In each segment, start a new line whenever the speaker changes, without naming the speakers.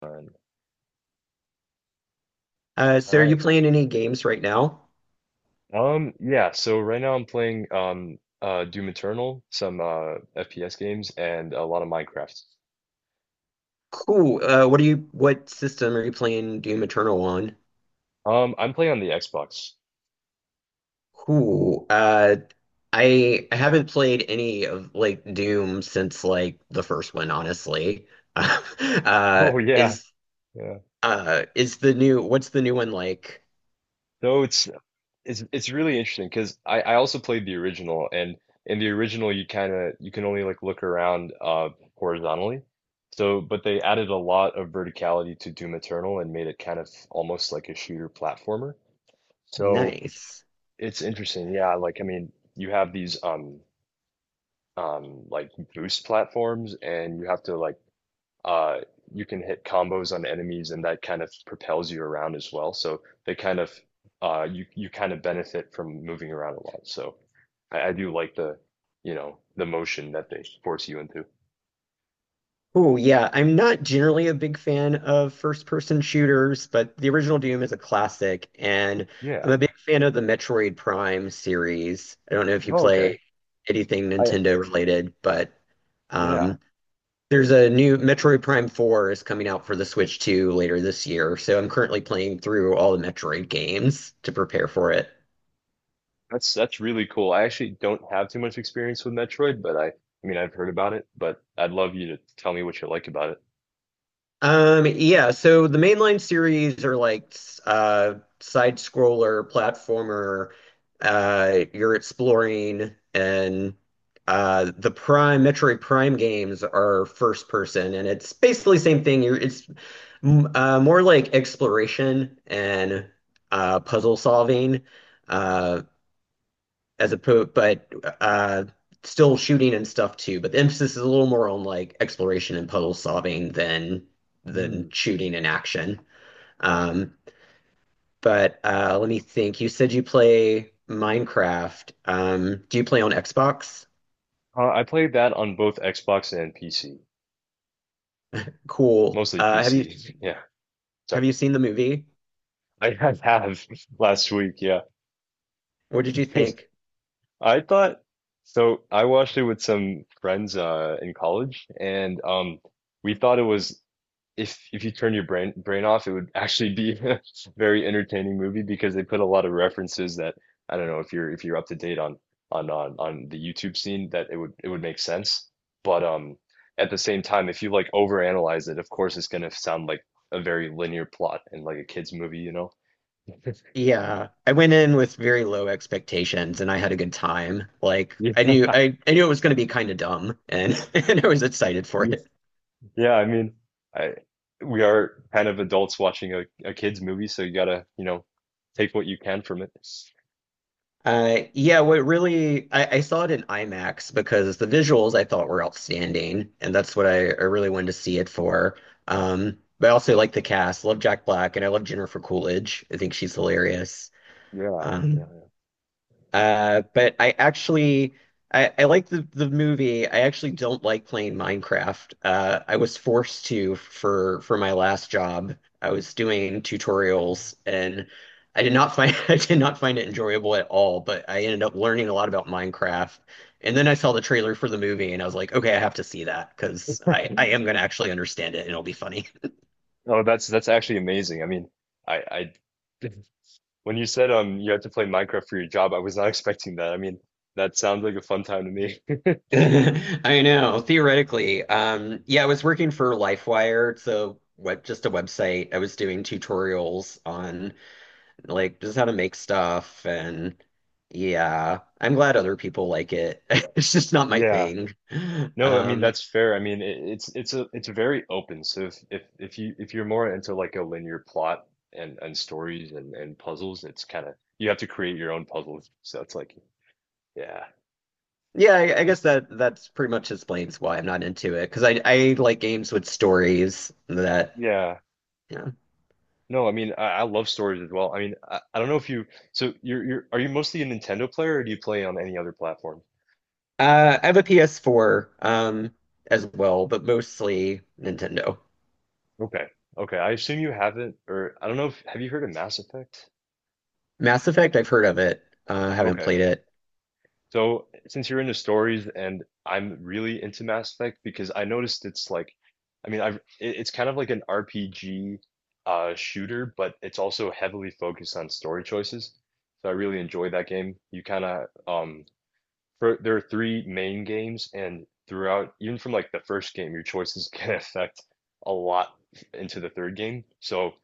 Fun.
Uh,
All
so are
right.
you playing any games right now?
Yeah, so right now I'm playing Doom Eternal, some FPS games and a lot of Minecraft.
Cool. What system are you playing Doom Eternal on?
I'm playing on the Xbox.
Cool. I haven't played any of like Doom since like the first one, honestly. Uh,
Oh yeah,
is
yeah.
is the new what's the new one like?
So it's it's really interesting because I also played the original, and in the original you can only like look around horizontally. But they added a lot of verticality to Doom Eternal and made it kind of almost like a shooter platformer. So
Nice.
it's interesting. Yeah, like you have these like boost platforms, and you have to uh you can hit combos on enemies and that kind of propels you around as well. So they you kind of benefit from moving around a lot. So I do like the the motion that they force you into.
Oh, yeah. I'm not generally a big fan of first-person shooters, but the original Doom is a classic, and
Yeah.
I'm a big fan of the Metroid Prime series. I don't know if you
Oh, okay.
play anything
I
Nintendo related, but
yeah.
um, there's a new Metroid Prime 4 is coming out for the Switch 2 later this year, so I'm currently playing through all the Metroid games to prepare for it.
That's really cool. I actually don't have too much experience with Metroid, but I've heard about it, but I'd love you to tell me what you like about it.
Yeah, so the mainline series are like uh side scroller platformer. You're exploring and the Prime Metroid Prime games are first person and it's basically the same thing. You're it's mm, more like exploration and puzzle solving. Uh as a po but uh Still shooting and stuff too, but the emphasis is a little more on like exploration and puzzle solving
Mm.
than shooting and action. Um, but Let me think. You said you play Minecraft. Do you play on Xbox?
I played that on both Xbox and PC.
Cool.
Mostly PC. Yeah.
Have
Sorry.
you seen the movie?
I have last week. Yeah.
What did you think?
I thought so. I watched it with some friends in college, and we thought it was, if you turn your brain off, it would actually be a very entertaining movie because they put a lot of references that I don't know if you're up to date on the YouTube scene, that it would make sense. But at the same time, if you like overanalyze it, of course it's gonna sound like a very linear plot and like a kid's movie, you know?
Yeah, I went in with very low expectations and I had a good time. Like
Yeah.
I knew I, I knew it was going to be kind of dumb and and I was excited for it.
Yeah, I mean, I we are kind of adults watching a kid's movie, so you gotta, you know, take what you can from it.
Yeah, I saw it in IMAX because the visuals I thought were outstanding, and that's what I really wanted to see it for. But I also like the cast. Love Jack Black, and I love Jennifer Coolidge. I think she's hilarious.
Yeah,
Um,
yeah,
but I actually I like the movie. I actually don't like playing Minecraft. I was forced to for my last job. I was doing
yeah.
tutorials and I did not find I did not find it enjoyable at all, but I ended up learning a lot about Minecraft. And then I saw the trailer for the movie and I was like, okay, I have to see that because I am going to actually understand it and it'll be funny.
Oh, that's actually amazing. I mean, I, I when you said you had to play Minecraft for your job, I was not expecting that. I mean, that sounds like a fun time to me.
I know, theoretically. Yeah, I was working for LifeWire. Just a website. I was doing tutorials on like just how to make stuff and yeah, I'm glad other people like it. It's just not my
Yeah.
thing.
No, I mean
Um,
that's fair. I mean it's very open. So if you if you're more into like a linear plot and stories and puzzles, it's kind of you have to create your own puzzles. So it's like yeah,
yeah, I guess
it's
that that's pretty much explains why I'm not into it because I like games with stories that
yeah.
yeah.
No, I mean I love stories as well. I mean I don't know if you you're are you mostly a Nintendo player, or do you play on any other platform?
I have a PS4 as well, but mostly Nintendo.
Okay, okay. I assume you haven't, or I don't know if have you heard of Mass Effect?
Mass Effect, I've heard of it. Haven't
Okay.
played it.
So, since you're into stories, and I'm really into Mass Effect because I noticed it's like, I mean, I've it, it's kind of like an RPG shooter, but it's also heavily focused on story choices. So I really enjoy that game. You kind of there are 3 main games, and throughout, even from like the first game, your choices can affect a lot into the third game. So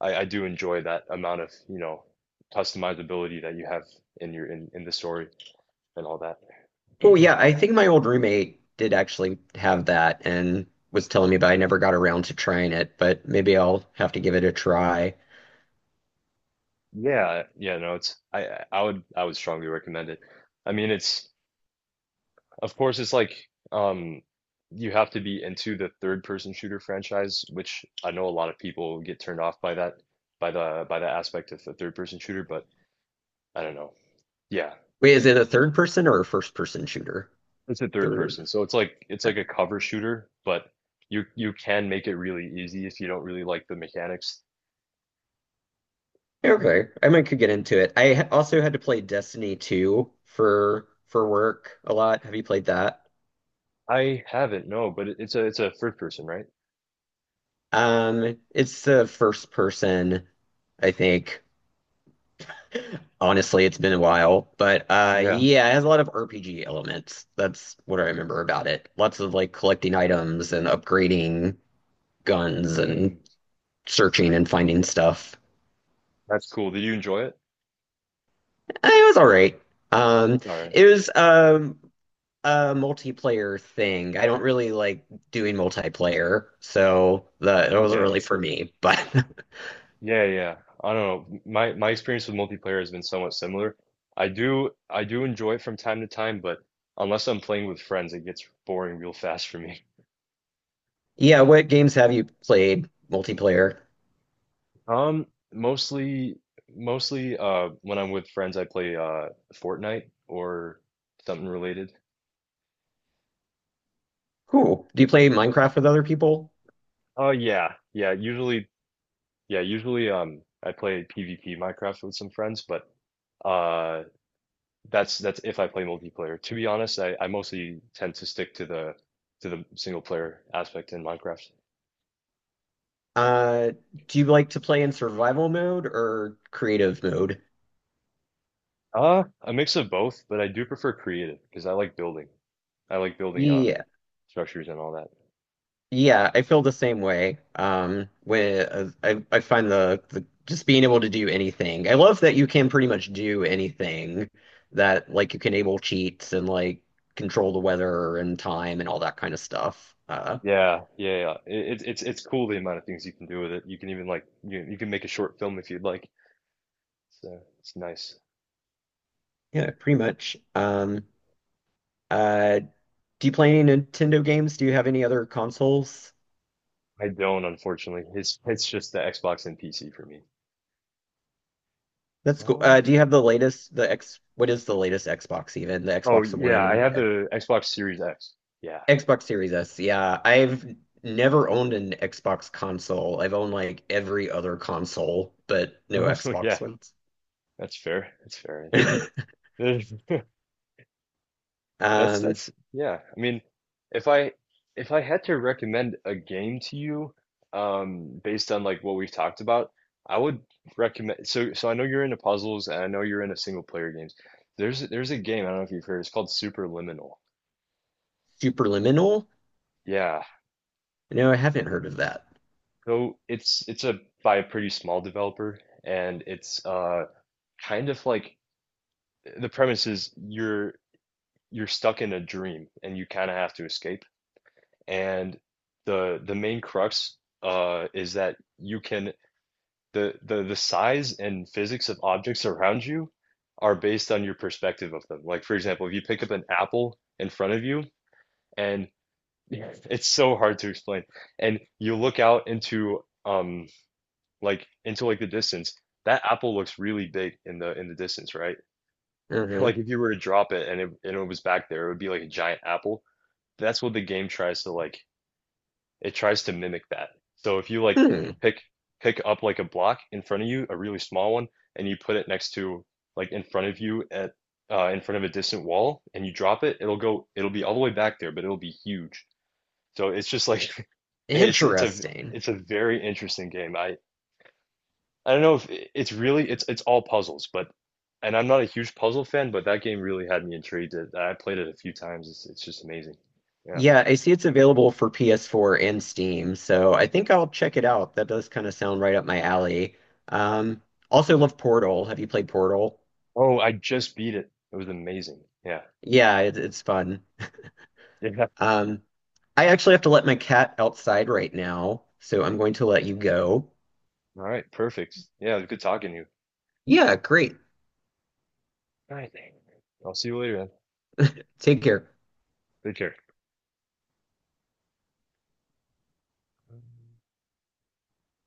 I do enjoy that amount of, you know, customizability that you have in your in the story and all that.
Oh yeah, I think my old roommate did actually have that and was telling me, but I never got around to trying it. But maybe I'll have to give it a try.
Yeah, yeah, no, it's I would strongly recommend it. I mean, it's of course it's like um you have to be into the third person shooter franchise, which I know a lot of people get turned off by that by the aspect of the third person shooter, but I don't know. Yeah,
Wait, is it a third person or a first person shooter?
it's a third
Third.
person. So it's like a cover shooter, but you can make it really easy if you don't really like the mechanics. Mm.
Okay, I might could get into it. Also had to play Destiny 2 for work a lot. Have you played that?
I haven't, no, but it's a first person, right?
It's the first person, I think. Honestly, it's been a while, but
Yeah.
yeah, it has a lot of RPG elements. That's what I remember about it. Lots of like collecting items and upgrading guns and
Hmm.
searching and finding stuff.
That's cool. Did you enjoy it?
Eh, it was all right. Um
All right.
it was a multiplayer thing. I don't really like doing multiplayer, so that it wasn't really
Okay.
for me. But
Yeah, yeah. I don't know. My experience with multiplayer has been somewhat similar. I do enjoy it from time to time, but unless I'm playing with friends, it gets boring real fast for me.
yeah, what games have you played multiplayer?
Um, mostly when I'm with friends, I play Fortnite or something related.
Cool. Do you play Minecraft with other people?
Oh yeah. Yeah, usually yeah, usually I play PvP Minecraft with some friends, but uh that's if I play multiplayer. To be honest, I mostly tend to stick to the single player aspect in Minecraft.
Uh, do you like to play in survival mode or creative mode?
A mix of both, but I do prefer creative because I like building. I like building
Yeah,
structures and all that.
yeah, I feel the same way. When I find the just being able to do anything. I love that you can pretty much do anything that like you can enable cheats and like control the weather and time and all that kind of stuff.
Yeah, yeah, yeah. It's cool the amount of things you can do with it. You can even you can make a short film if you'd like. So it's nice.
Yeah, pretty much. Uh, do you play any Nintendo games? Do you have any other consoles?
I don't, unfortunately. It's just the Xbox and PC for me.
That's cool.
Um.
Do you have the latest, the X, what is the latest Xbox even? The
Oh
Xbox
yeah, I
One,
have the Xbox Series X. Yeah.
Xbox Series S. Yeah, I've never owned an Xbox console. I've owned like every other console, but no
Oh, yeah.
Xbox ones.
That's fair. That's fair. That's
Um,
that's yeah. I mean, if I if I had to recommend a game to you, based on like what we've talked about, I would recommend. So I know you're into puzzles, and I know you're into single player games. There's a game I don't know if you've heard. It's called Superliminal.
Superliminal?
Yeah.
No, I haven't heard of that.
So it's a by a pretty small developer, and it's kind of like, the premise is you're stuck in a dream, and you kind of have to escape. And the main crux, is that you can the, the size and physics of objects around you are based on your perspective of them. Like for example, if you pick up an apple in front of you and yeah, it's so hard to explain, and you look out into into like the distance, that apple looks really big in the distance, right?
Uh-huh.
Like if you were to drop it, and it was back there, it would be like a giant apple. That's what the game tries to like it tries to mimic that. So if you like
Hmm.
pick pick up like a block in front of you, a really small one, and you put it next to like in front of you at in front of a distant wall, and you drop it, it'll go, it'll be all the way back there, but it'll be huge. So it's just like it's it's a
Interesting.
it's a very interesting game. I don't know if it's really it's all puzzles, but and I'm not a huge puzzle fan, but that game really had me intrigued. It- I played it a few times. It's just amazing. Yeah.
Yeah, I see it's available for PS4 and Steam, so I think I'll check it out. That does kind of sound right up my alley. Um, Also love Portal. Have you played Portal?
Oh, I just beat it. It was amazing. Yeah.
Yeah, it, it's fun.
Yeah.
Um, I actually have to let my cat outside right now, so I'm going to let you go.
All right, perfect. Yeah, it was good talking to you.
Yeah, great.
All right, I'll see you later then.
Take care.
Take care.